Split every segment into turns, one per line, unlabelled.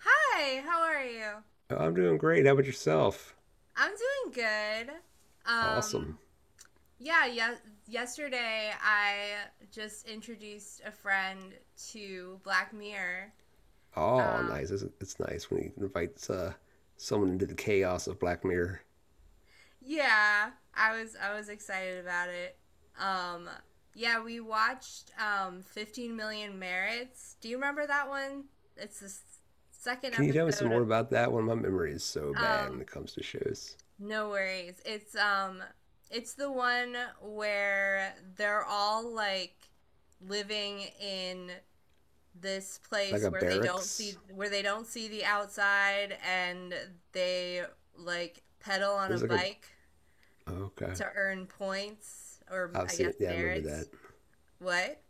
Hi, how are you?
Oh, I'm doing great. How about yourself?
I'm doing good.
Awesome.
Um, yeah, yes, yesterday I just introduced a friend to Black Mirror.
Oh,
Um,
nice. It's nice when he invites someone into the chaos of Black Mirror.
yeah, I was excited about it. Um, yeah, we watched 15 Million Merits. Do you remember that one? It's the s- Second
Can you tell me some
episode
more
of
about that one? My memory is so bad when
um
it comes to shows.
no worries. It's the one where they're all like living in this
Like
place
a
where they don't
barracks.
see where they don't see the outside, and they like pedal on a
There's like a.
bike
Oh, okay.
to earn points, or
I've
I
seen
guess
it. Yeah, I remember
merits.
that.
What?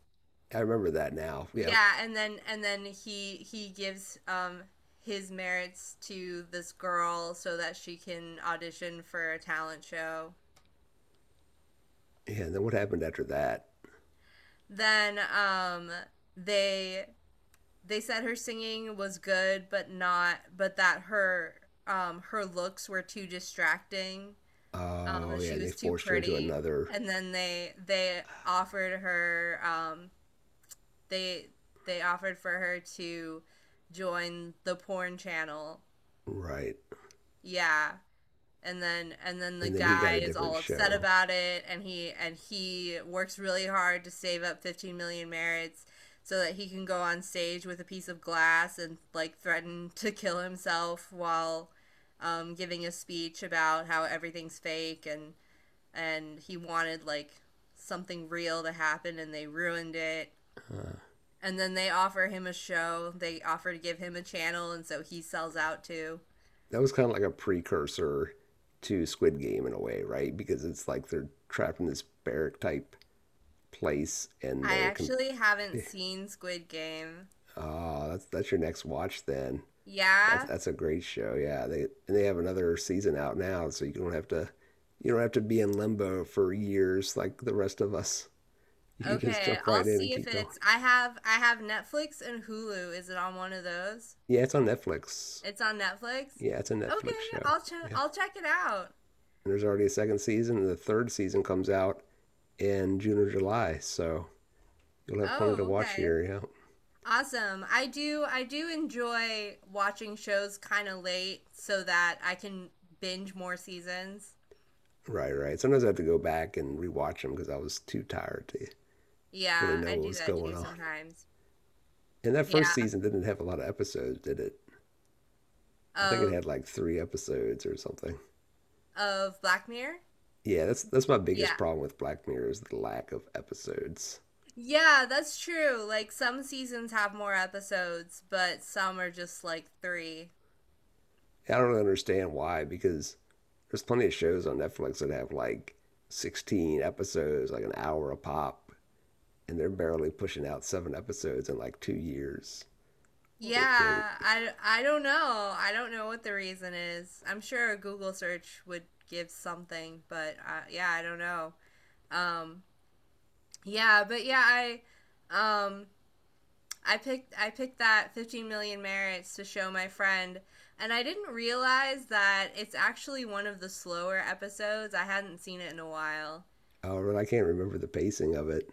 I remember that now. Yep.
Yeah, and then he gives his merits to this girl so that she can audition for a talent show.
Yeah. And then what happened after that?
Then they they said her singing was good, but not but that her her looks were too distracting,
Oh,
that
yeah.
she
And they
was too
forced her into
pretty.
another.
And then they offered her, they they offered for her to join the porn channel.
Right.
Yeah. And then the
And then he got
guy
a
is all
different
upset
show.
about it, and he works really hard to save up 15 million merits so that he can go on stage with a piece of glass and like threaten to kill himself while, giving a speech about how everything's fake, and he wanted like something real to happen and they ruined it. And then they offer him a show, they offer to give him a channel, and so he sells out too.
That was kind of like a precursor to Squid Game in a way, right? Because it's like they're trapped in this barrack type place and
I actually haven't seen Squid Game.
Oh, that's your next watch then. That's
Yeah.
that's a great show. Yeah, they and they have another season out now, so you don't have to be in limbo for years like the rest of us. You can just
Okay.
jump
I'll
right in and
see if
keep going.
it's I have Netflix and Hulu. Is it on one of those?
Yeah, it's on Netflix.
It's on Netflix?
Yeah, it's a
Okay,
Netflix show. Yeah.
I'll check it out.
And there's already a second season and the third season comes out in June or July, so you'll have plenty to
Oh,
watch
okay.
here. Yeah.
Awesome. I do enjoy watching shows kind of late so that I can binge more seasons.
Right, right. Sometimes I have to go back and rewatch them because I was too tired to really
Yeah,
know
I
what
do
was
that too
going on.
sometimes.
And that first
Yeah.
season didn't have a lot of episodes, did it? I think it
Of
had like three episodes or something.
of Black Mirror?
Yeah, that's my
Yeah.
biggest problem with Black Mirror is the lack of episodes.
Yeah, that's true. Like some seasons have more episodes, but some are just like 3.
I don't really understand why because there's plenty of shows on Netflix that have like 16 episodes, like an hour a pop, and they're barely pushing out seven episodes in like 2 years. Or, or,
Yeah, I don't know. I don't know what the reason is. I'm sure a Google search would give something, but yeah, I don't know. Um yeah, but yeah, um I picked that 15 million merits to show my friend, and I didn't realize that it's actually one of the slower episodes. I hadn't seen it in a while.
or I can't remember the pacing of it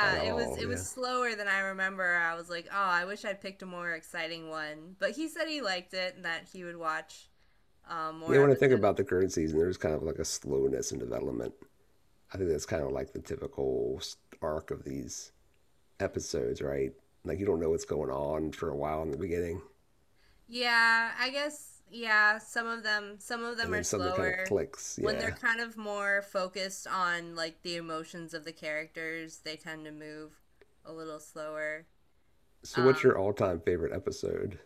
at all.
it
Yeah.
was slower than I remember. I was like, "Oh, I wish I'd picked a more exciting one." But he said he liked it and that he would watch, more
Yeah, when I think
episodes.
about the current season, there's kind of like a slowness in development. I think that's kind of like the typical arc of these episodes, right? Like you don't know what's going on for a while in the beginning,
Yeah, I guess yeah, some of them
and
are
then something kind of
slower.
clicks.
When they're
Yeah.
kind of more focused on like the emotions of the characters, they tend to move a little slower.
So, what's your
Um,
all-time favorite episode?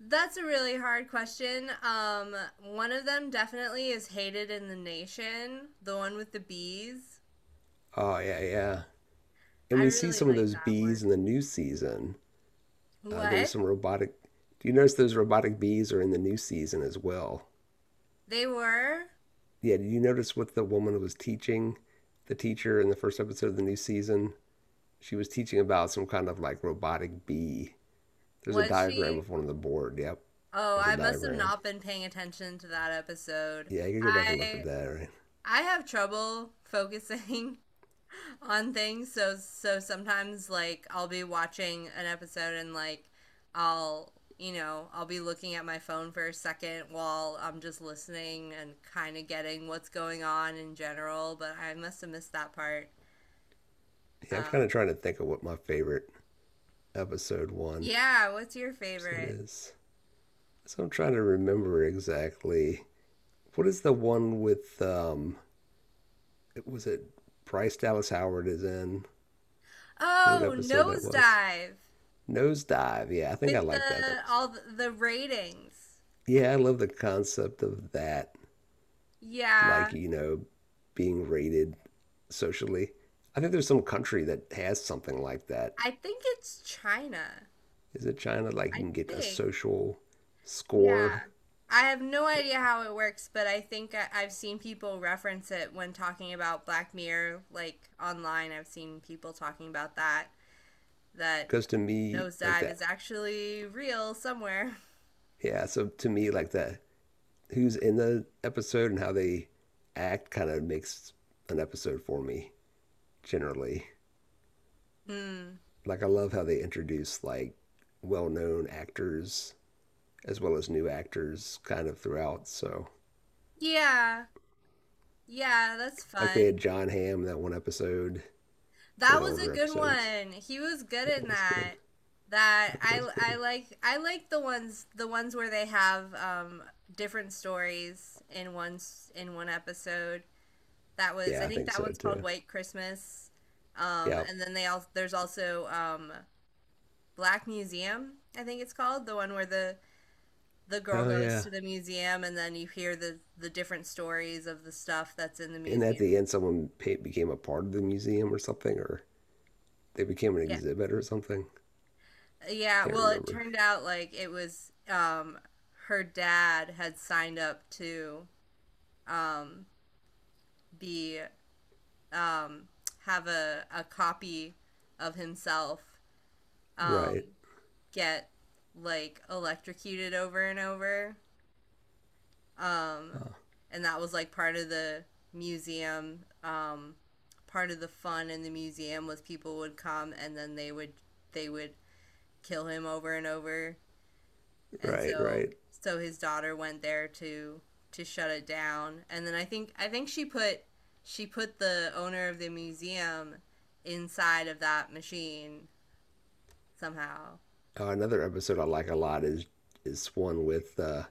that's a really hard question. One of them definitely is Hated in the Nation, the one with the bees.
Oh, yeah, yeah. And
I
we see
really
some of
like
those
that
bees
one.
in the new season. There's
What?
some robotic. Do you notice those robotic bees are in the new season as well?
They were?
Yeah. Did you notice what the woman was teaching, the teacher in the first episode of the new season? She was teaching about some kind of like robotic bee. There's a
Was
diagram
she?
of one on the board. Yep,
Oh,
there's a
I must have
diagram.
not been paying attention to that episode.
Yeah, you can go back and look at
I
that. Right.
I have trouble focusing on things, so sometimes like I'll be watching an episode, and like I'll, you know, I'll be looking at my phone for a second while I'm just listening and kind of getting what's going on in general, but I must have missed that part.
Yeah, I'm kind
Um,
of trying to think of what my favorite episode one
yeah, what's your
episode
favorite?
is. So I'm trying to remember exactly what is the one with it was it Bryce Dallas Howard is in. Do you know what
Oh,
episode that was?
Nosedive,
Nosedive. Yeah, I think
with
I like that
the
episode.
all the ratings.
Yeah, I love the concept of that.
Yeah,
Like, you know, being rated socially. I think there's some country that has something like that.
I think it's China.
Is it China? Like you
I
can get a
think.
social
Yeah.
score.
I have no idea how it works, but I, think I've seen people reference it when talking about Black Mirror, like online. I've seen people talking about that, that
Because to me, like
Nosedive is
that,
actually real somewhere.
yeah. So to me, like that, who's in the episode and how they act kind of makes an episode for me generally.
Hmm.
Like I love how they introduce like well-known actors as well as new actors kind of throughout. So
Yeah. Yeah, that's
like they
fun.
had John Hamm in that one episode, one
That
of the
was a
older
good
episodes.
one. He was good in
That was good.
that.
That was good.
I like the ones where they have different stories in in one episode. That was, I
Yeah, I
think
think
that
so
one's called
too.
White Christmas.
Yep.
And then they all there's also, Black Museum, I think it's called, the one where the girl
Oh
goes
yeah.
to the museum and then you hear the different stories of the stuff that's in the
And at
museum.
the end, someone became a part of the museum or something, or they became an
Yeah.
exhibit or something.
Yeah,
Can't
well, it
remember.
turned out like it was her dad had signed up to, um be, um have a copy of himself, um
Right.
get like electrocuted over and over. Um
Uh,
and that was like part of the museum. Part of the fun in the museum was people would come and then they would kill him over and over, and
right. Right.
so his daughter went there to, shut it down. And then I think she put the owner of the museum inside of that machine somehow.
Another episode I like a lot is one with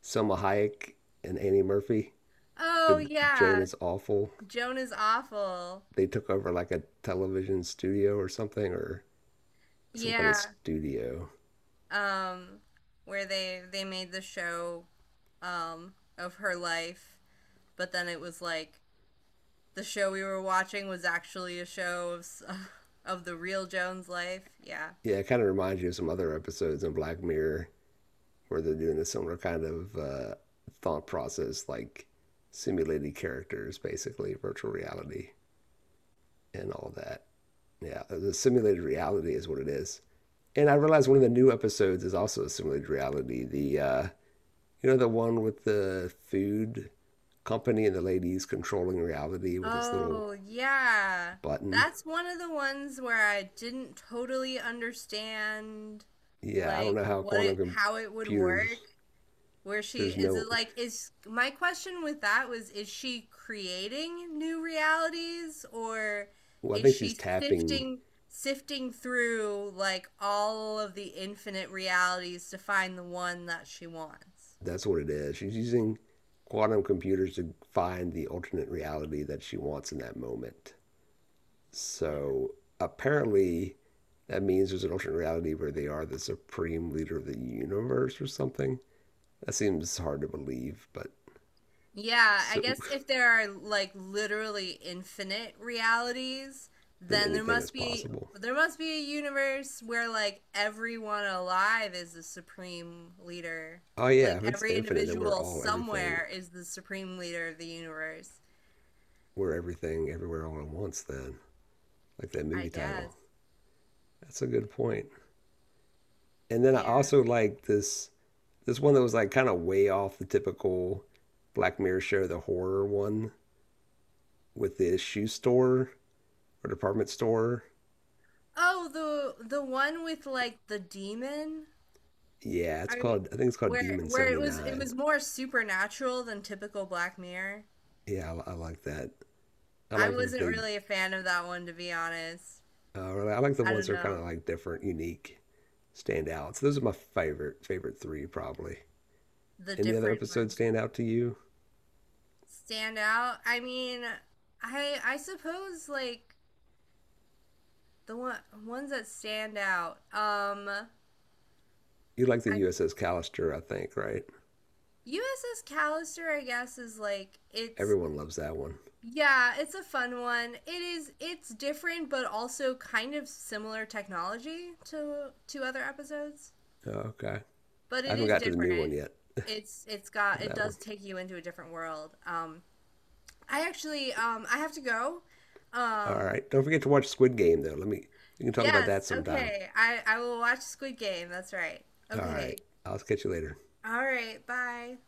Selma Hayek and Annie Murphy.
Oh
The Joan
yeah,
is awful.
Joan Is Awful.
They took over like a television studio or something, or some kind of
Yeah,
studio.
um where they made the show of her life, but then it was like the show we were watching was actually a show of of the real Joan's life. Yeah.
Yeah, it kind of reminds you of some other episodes in Black Mirror where they're doing a similar kind of thought process, like simulated characters, basically virtual reality and all that. Yeah, the simulated reality is what it is. And I realized one of the new episodes is also a simulated reality. The you know the one with the food company and the ladies controlling reality with this little
Oh, yeah.
button.
That's one of the ones where I didn't totally understand
Yeah, I don't
like
know how
what it
quantum
how it would work.
computers.
Where she,
There's
is
no.
it like is my question with that was, is she creating new realities, or
Well, I
is
think she's
she
tapping.
sifting through like all of the infinite realities to find the one that she wants?
That's what it is. She's using quantum computers to find the alternate reality that she wants in that moment. So apparently, that means there's an alternate reality where they are the supreme leader of the universe or something. That seems hard to believe, but
Yeah, I
so
guess if there are like literally infinite realities,
then
then
anything is possible.
there must be a universe where like everyone alive is the supreme leader.
Oh yeah,
Like
if it's
every
infinite, then we're
individual
all everything.
somewhere is the supreme leader of the universe,
We're everything, everywhere, all at once. Then, like that
I
movie
guess.
title. That's a good point. And then I
Yeah.
also like this. This one that was like kind of way off the typical Black Mirror show, the horror one with the shoe store or department store.
Oh, the one with like the demon?
Yeah, it's
Are you-
called. I think it's called Demon
where it
Seventy
was, it
Nine.
was more supernatural than typical Black Mirror.
Yeah, I like that. I
I
like if
wasn't
they.
really a fan of that one, to be honest.
I like the
I don't
ones that are kind of
know,
like different, unique, stand out. So those are my favorite three probably.
the
Any other
different
episodes
ones
stand out to you?
stand out. I mean, I suppose like the one, ones that stand out.
You like the
I mean,
USS Callister, I think, right?
USS Callister, I guess, is like it's
Everyone loves that one.
yeah, it's a fun one. It is, it's different, but also kind of similar technology to, other episodes,
Oh, okay,
but
I
it
haven't
is
got to the new
different.
one yet
It's got,
of
it
that one.
does take you into a different world. I actually I have to go.
All
Um,
right. Don't forget to watch Squid Game though. Let me we can talk about
Yes,
that sometime.
okay. I will watch Squid Game. That's right.
All
Okay.
right. I'll catch you later.
All right. Bye.